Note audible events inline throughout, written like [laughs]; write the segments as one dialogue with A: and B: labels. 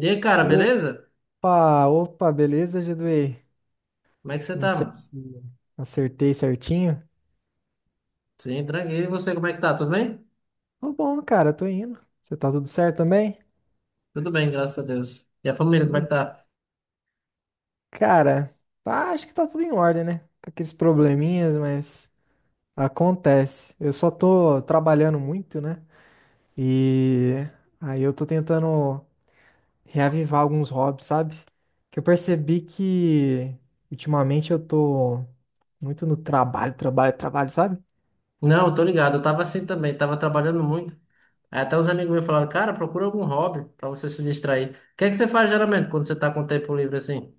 A: E aí, cara,
B: Opa,
A: beleza?
B: opa, beleza, Geduei?
A: Como é que você
B: Não
A: tá,
B: sei
A: mano?
B: se acertei certinho.
A: Sim, tranquilo. E você, como é que tá? Tudo bem?
B: Tô bom, cara, tô indo. Você tá tudo certo também?
A: Tudo bem, graças a Deus. E a família,
B: Então,
A: como é que
B: beleza.
A: tá?
B: Cara, acho que tá tudo em ordem, né? Com aqueles probleminhas, mas acontece. Eu só tô trabalhando muito, né? E aí eu tô tentando reavivar alguns hobbies, sabe? Que eu percebi que ultimamente eu tô muito no trabalho, trabalho, trabalho, sabe?
A: Não, eu tô ligado. Eu tava assim também, tava trabalhando muito. Aí até os amigos meus falaram, cara, procura algum hobby pra você se distrair. O que é que você faz geralmente quando você tá com tempo livre assim?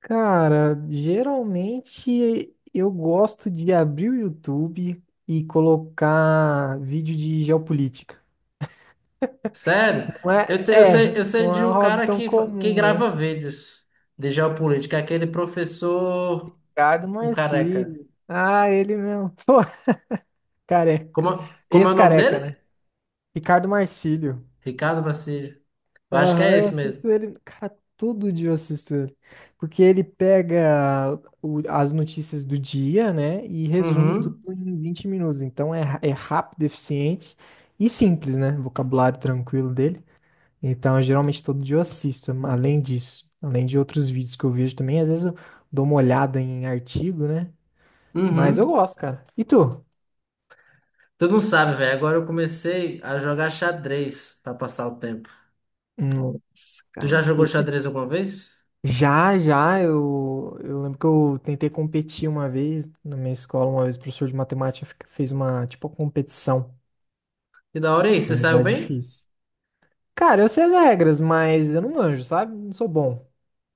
B: Cara, geralmente eu gosto de abrir o YouTube e colocar vídeo de geopolítica.
A: Sério?
B: Não
A: Eu, te- eu
B: é,
A: sei,
B: é,
A: eu sei
B: não
A: de
B: é um
A: um
B: hobby
A: cara
B: tão
A: que, que
B: comum, né?
A: grava vídeos de geopolítica, aquele professor,
B: Ricardo
A: um careca.
B: Marcílio. Ah, ele mesmo. [laughs] Pô, careca.
A: Como, como é o nome dele?
B: Ex-careca, né? Ricardo Marcílio.
A: Ricardo Bacilli. Eu acho que é
B: Aham, eu
A: esse
B: assisto
A: mesmo.
B: ele, cara, todo dia eu assisto ele. Porque ele pega as notícias do dia, né, e resume tudo
A: Uhum.
B: em 20 minutos. Então é rápido, eficiente e simples, né? Vocabulário tranquilo dele. Então, geralmente todo dia eu assisto, além disso, além de outros vídeos que eu vejo também. Às vezes eu dou uma olhada em artigo, né? Mas eu
A: Uhum.
B: gosto, cara. E tu?
A: Tu não sabe, velho. Agora eu comecei a jogar xadrez pra passar o tempo.
B: Nossa,
A: Tu já
B: cara.
A: jogou
B: Esse
A: xadrez alguma vez?
B: Já, já, eu lembro que eu tentei competir uma vez na minha escola, uma vez o professor de matemática fez uma, tipo, uma competição,
A: Que da hora, aí você
B: mas
A: saiu
B: é
A: bem?
B: difícil. Cara, eu sei as regras, mas eu não manjo, sabe? Não sou bom.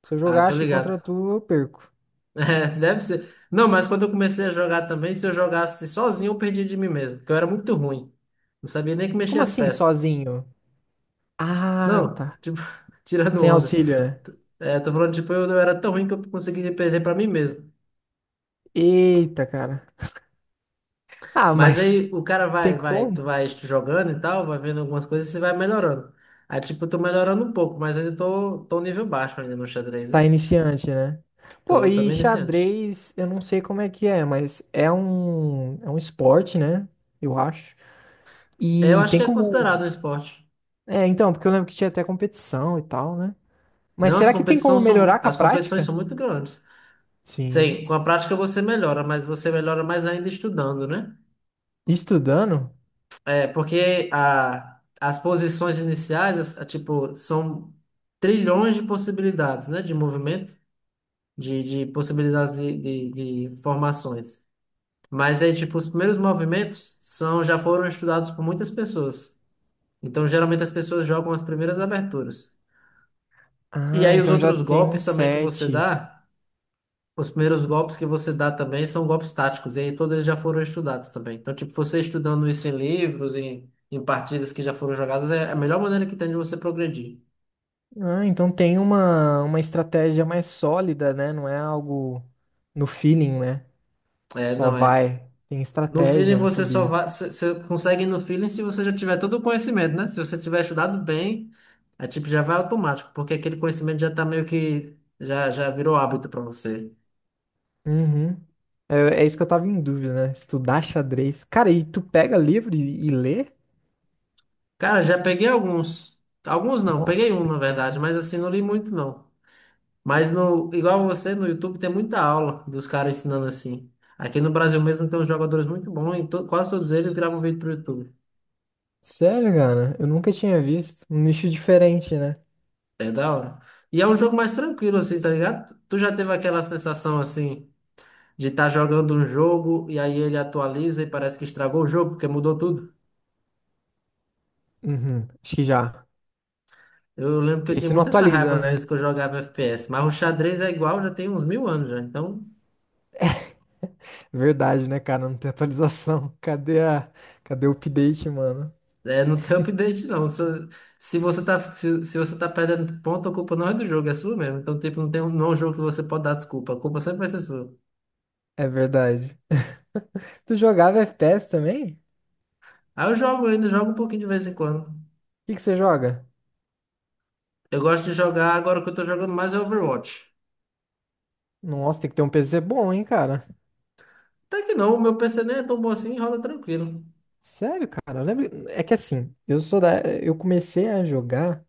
B: Se eu
A: Ah,
B: jogar,
A: tô
B: acho que
A: ligado.
B: contra
A: [laughs]
B: tu, eu perco.
A: É, deve ser. Não, mas quando eu comecei a jogar também, se eu jogasse sozinho, eu perdia de mim mesmo, porque eu era muito ruim. Não sabia nem que mexia
B: Como
A: as
B: assim,
A: peças.
B: sozinho? Ah,
A: Não,
B: tá.
A: tipo, [laughs] tirando
B: Sem
A: onda.
B: auxílio, né?
A: É, tô falando, tipo, eu era tão ruim que eu conseguia perder pra mim mesmo.
B: Eita, cara. Ah,
A: Mas
B: mas
A: aí o
B: [laughs]
A: cara
B: tem
A: vai, vai, tu
B: como?
A: vai jogando e tal, vai vendo algumas coisas e você vai melhorando. Aí, tipo, eu tô melhorando um pouco, mas ainda tô um nível baixo ainda no xadrez,
B: Tá
A: né?
B: iniciante, né? Pô,
A: Tô
B: e
A: também iniciante.
B: xadrez, eu não sei como é que é, mas é um esporte, né? Eu acho.
A: É, eu
B: E
A: acho
B: tem
A: que é
B: como.
A: considerado um esporte.
B: É, então, porque eu lembro que tinha até competição e tal, né? Mas
A: Não,
B: será que tem como melhorar com a
A: as competições são
B: prática?
A: muito grandes. Sim,
B: Sim.
A: com a prática você melhora, mas você melhora mais ainda estudando, né?
B: Estudando?
A: É, porque as posições iniciais, tipo, são trilhões de possibilidades, né? De movimento, de possibilidades de formações. Mas aí, tipo, os primeiros movimentos são já foram estudados por muitas pessoas. Então, geralmente as pessoas jogam as primeiras aberturas. E
B: Ah,
A: aí os
B: então já
A: outros
B: tem um
A: golpes também que você
B: set.
A: dá, os primeiros golpes que você dá também são golpes táticos, e aí todos eles já foram estudados também. Então, tipo, você estudando isso em livros, em partidas que já foram jogadas, é a melhor maneira que tem de você progredir.
B: Ah, então tem uma estratégia mais sólida, né? Não é algo no feeling, né?
A: É,
B: Só
A: não é.
B: vai. Tem
A: No feeling
B: estratégia, não
A: você só
B: sabia.
A: vai, você consegue no feeling se você já tiver todo o conhecimento, né? Se você tiver estudado bem, é tipo já vai automático, porque aquele conhecimento já tá meio que já virou hábito pra você.
B: Uhum. É isso que eu tava em dúvida, né? Estudar xadrez. Cara, e tu pega livro e lê?
A: Cara, já peguei alguns, alguns não, peguei um
B: Nossa,
A: na verdade,
B: cara.
A: mas assim não li muito não. Mas no igual você no YouTube tem muita aula dos caras ensinando assim. Aqui no Brasil mesmo tem uns jogadores muito bons e quase todos eles gravam vídeo pro YouTube.
B: Sério, cara? Eu nunca tinha visto. Um nicho diferente, né?
A: É da hora. E é um jogo mais tranquilo assim, tá ligado? Tu já teve aquela sensação assim de estar jogando um jogo e aí ele atualiza e parece que estragou o jogo, porque mudou tudo.
B: Uhum, acho que já.
A: Eu lembro que eu tinha
B: Esse não
A: muita essa raiva
B: atualiza,
A: às vezes
B: né?
A: que eu jogava FPS, mas o xadrez é igual, já tem uns mil anos já, então
B: Verdade, né, cara? Não tem atualização. [laughs] Cadê o update, mano?
A: é, não tem [laughs] update não. Se você tá, se você tá perdendo ponto, a culpa não é do jogo, é sua mesmo. Então, tipo, não é um jogo que você pode dar desculpa, a culpa sempre vai ser sua.
B: É verdade. [laughs] Tu jogava FPS também? O
A: Aí eu ainda jogo um pouquinho de vez em quando.
B: que que você joga?
A: Eu gosto de jogar, agora que eu tô jogando mais é Overwatch.
B: Nossa, tem que ter um PC bom, hein, cara?
A: Até que não, o meu PC nem é tão bom assim, rola tranquilo.
B: Sério, cara? É que assim, Eu comecei a jogar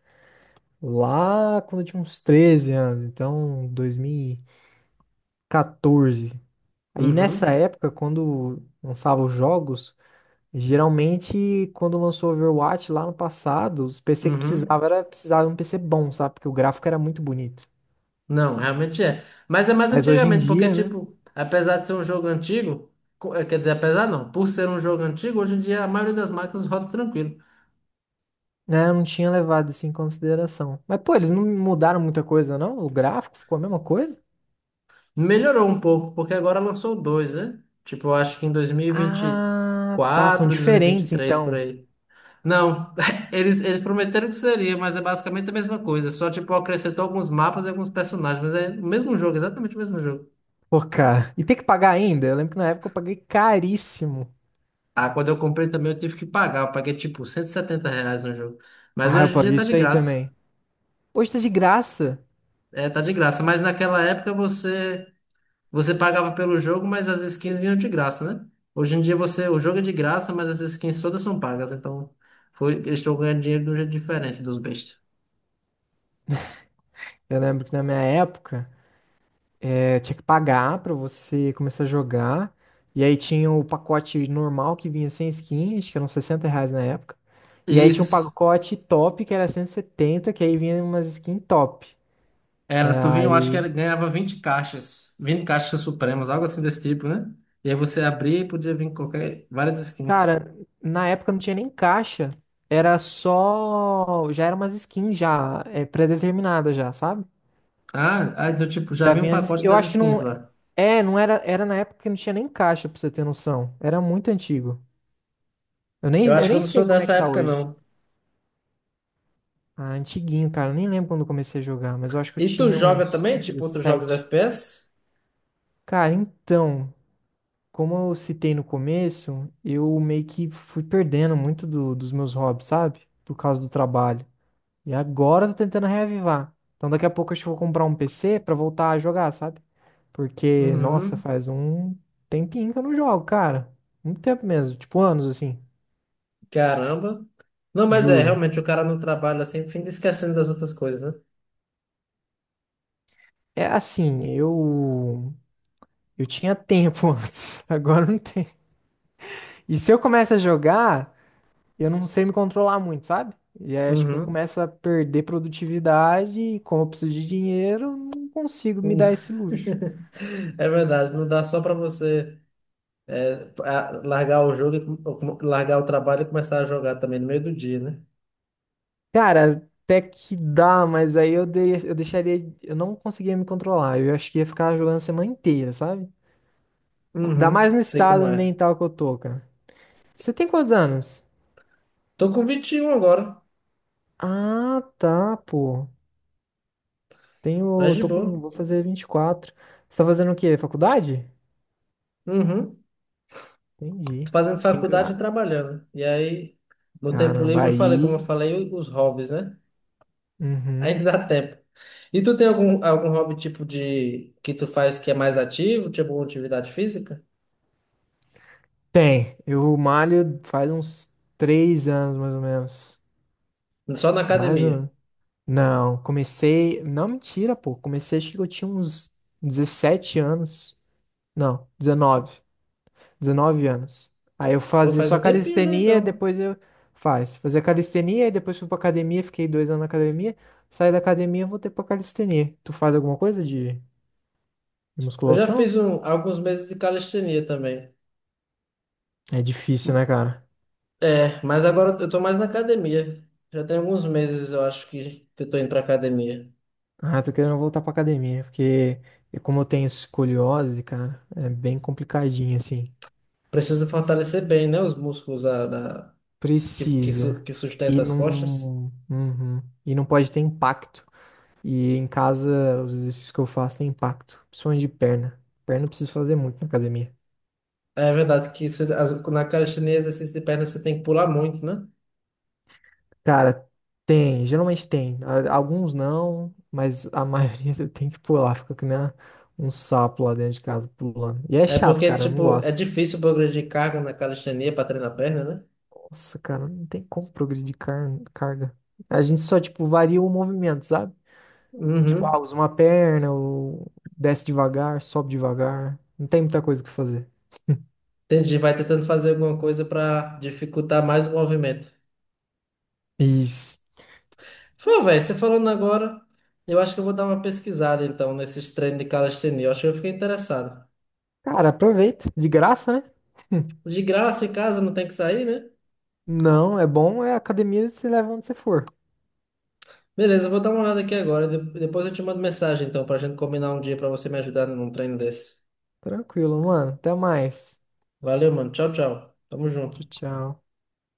B: lá quando eu tinha uns 13 anos. Então, 2014. Aí nessa
A: Uhum,
B: época, quando lançava os jogos, geralmente quando lançou o Overwatch lá no passado, os PC que
A: uhum.
B: precisava era precisava de um PC bom, sabe? Porque o gráfico era muito bonito.
A: Não, realmente é. Mas é mais
B: Mas hoje em
A: antigamente, porque,
B: dia, né?
A: tipo, apesar de ser um jogo antigo, quer dizer, apesar não, por ser um jogo antigo, hoje em dia a maioria das máquinas [laughs] roda tranquilo.
B: Né, eu não tinha levado isso em consideração. Mas, pô, eles não mudaram muita coisa, não? O gráfico ficou a mesma coisa?
A: Melhorou um pouco, porque agora lançou dois, né? Tipo, eu acho que em dois mil e vinte e
B: Ah, tá. São
A: quatro, dois mil e vinte quatro, e
B: diferentes,
A: três por
B: então.
A: aí. Não, [laughs] eles prometeram que seria, mas é basicamente a mesma coisa. Só, tipo, acrescentou alguns mapas e alguns personagens, mas é o mesmo jogo, exatamente o mesmo jogo.
B: Pô, cara. E tem que pagar ainda? Eu lembro que na época eu paguei caríssimo.
A: Ah, quando eu comprei também eu tive que pagar, eu paguei, tipo, 170 reais no jogo. Mas
B: Ah, eu
A: hoje em dia
B: paguei
A: tá de
B: isso aí
A: graça.
B: também. Hoje tá de graça.
A: É, tá de graça. Mas naquela época você pagava pelo jogo, mas as skins vinham de graça, né? Hoje em dia você o jogo é de graça, mas as skins todas são pagas. Então foi, eles estão ganhando dinheiro de um jeito diferente dos bestas.
B: Eu lembro que na minha época. É, tinha que pagar pra você começar a jogar. E aí tinha o pacote normal que vinha sem skin, acho que eram R$ 60 na época. E aí tinha um
A: Isso.
B: pacote top que era 170, que aí vinha umas skin top.
A: Era, tu vinha, eu acho que
B: Aí,
A: era, ganhava 20 caixas supremas, algo assim desse tipo, né? E aí você abria e podia vir qualquer, várias skins.
B: cara, na época não tinha nem caixa, era só, já era umas skins já, é, pré-determinadas já, sabe?
A: Ah, aí do tipo, já
B: Já
A: vinha um
B: vinha as skins.
A: pacote
B: Eu
A: das
B: acho que
A: skins
B: não,
A: lá.
B: é, não era, era na época que não tinha nem caixa, pra você ter noção. Era muito antigo. Eu nem,
A: Eu
B: eu
A: acho que eu
B: nem
A: não
B: sei
A: sou
B: como é
A: dessa
B: que tá
A: época,
B: hoje.
A: não.
B: Ah, antiguinho, cara. Eu nem lembro quando eu comecei a jogar, mas eu acho que eu
A: E tu
B: tinha
A: joga
B: uns
A: também, tipo, outros jogos
B: 17.
A: FPS?
B: Cara, então, como eu citei no começo, eu meio que fui perdendo muito dos meus hobbies, sabe? Por causa do trabalho. E agora eu tô tentando reavivar. Então daqui a pouco acho que eu vou comprar um PC pra voltar a jogar, sabe? Porque, nossa,
A: Uhum.
B: faz um tempinho que eu não jogo, cara. Muito tempo mesmo, tipo anos assim,
A: Caramba. Não, mas é,
B: juro.
A: realmente, o cara não trabalha assim, fica esquecendo das outras coisas, né?
B: É assim, eu tinha tempo [laughs] antes, agora não tem. E se eu começo a jogar, eu não sei me controlar muito, sabe? E aí acho que eu
A: Uhum.
B: começo a perder produtividade e como eu preciso de dinheiro, eu não consigo me dar esse
A: [laughs]
B: luxo.
A: É verdade, não dá só para você largar o jogo, e largar o trabalho e começar a jogar também no meio do dia, né?
B: Cara, até que dá, mas aí eu deixaria, eu não conseguia me controlar. Eu acho que ia ficar jogando a semana inteira, sabe? Ainda
A: Uhum.
B: mais no
A: Sei como
B: estado
A: é.
B: mental que eu tô, cara. Você tem quantos anos?
A: Tô com 21 agora,
B: Ah, tá, pô.
A: mas
B: Tenho,
A: de
B: tô
A: boa.
B: com, vou fazer 24. Você tá fazendo o quê? Faculdade?
A: Uhum. Tô
B: Entendi.
A: fazendo
B: Você tem que.
A: faculdade e trabalhando. E aí, no tempo
B: Caramba,
A: livre, como eu
B: aí
A: falei, os hobbies, né?
B: uhum.
A: Ainda dá tempo. E tu tem algum, algum hobby tipo de que tu faz que é mais ativo, tipo uma atividade física?
B: Tem. Eu malho faz uns 3 anos, mais ou menos.
A: Só na
B: Mais ou
A: academia.
B: menos. Não, comecei. Não, mentira, pô. Comecei, acho que eu tinha uns 17 anos. Não, 19, 19 anos. Aí eu
A: Pô,
B: fazia
A: faz um
B: só
A: tempinho já
B: calistenia,
A: então.
B: depois eu. Faz. Fazia calistenia, e depois fui pra academia, fiquei 2 anos na academia. Saí da academia, voltei pra calistenia. Tu faz alguma coisa de
A: Eu já
B: musculação?
A: fiz alguns meses de calistenia também.
B: É difícil, né, cara?
A: É, mas agora eu tô mais na academia. Já tem alguns meses, eu acho, que eu tô indo pra academia.
B: Ah, tô querendo voltar pra academia, porque como eu tenho escoliose, cara, é bem complicadinho, assim.
A: Precisa fortalecer bem, né? Os músculos que,
B: Precisa.
A: que sustenta as costas.
B: Uhum. E não pode ter impacto. E em casa, os exercícios que eu faço têm impacto, principalmente de perna. Perna eu preciso fazer muito na academia.
A: É verdade que na calistenia, exercício de perna, você tem que pular muito, né?
B: Cara, tem, geralmente tem. Alguns não, mas a maioria [laughs] eu tenho que pular, fica que nem um sapo lá dentro de casa pulando. E é
A: É
B: chato,
A: porque,
B: cara, eu não
A: tipo, é
B: gosto.
A: difícil progredir carga na calistenia para treinar a perna, né?
B: Nossa, cara, não tem como progredir de carga. A gente só, tipo, varia o movimento, sabe? Tipo,
A: Uhum.
B: usa uma perna, ou desce devagar, sobe devagar. Não tem muita coisa o que fazer.
A: Entendi. Vai tentando fazer alguma coisa para dificultar mais o movimento.
B: Isso.
A: Pô, velho, você falando agora, eu acho que eu vou dar uma pesquisada, então, nesses treinos de calistenia. Eu acho que eu fiquei interessado.
B: Cara, aproveita. De graça, né? [laughs]
A: De graça, em casa, não tem que sair, né?
B: Não, é bom, é academia, você leva onde você for.
A: Beleza, eu vou dar uma olhada aqui agora. Depois eu te mando mensagem, então, pra gente combinar um dia pra você me ajudar num treino desse.
B: Tranquilo, mano. Até mais.
A: Valeu, mano. Tchau, tchau. Tamo junto.
B: Tchau, tchau.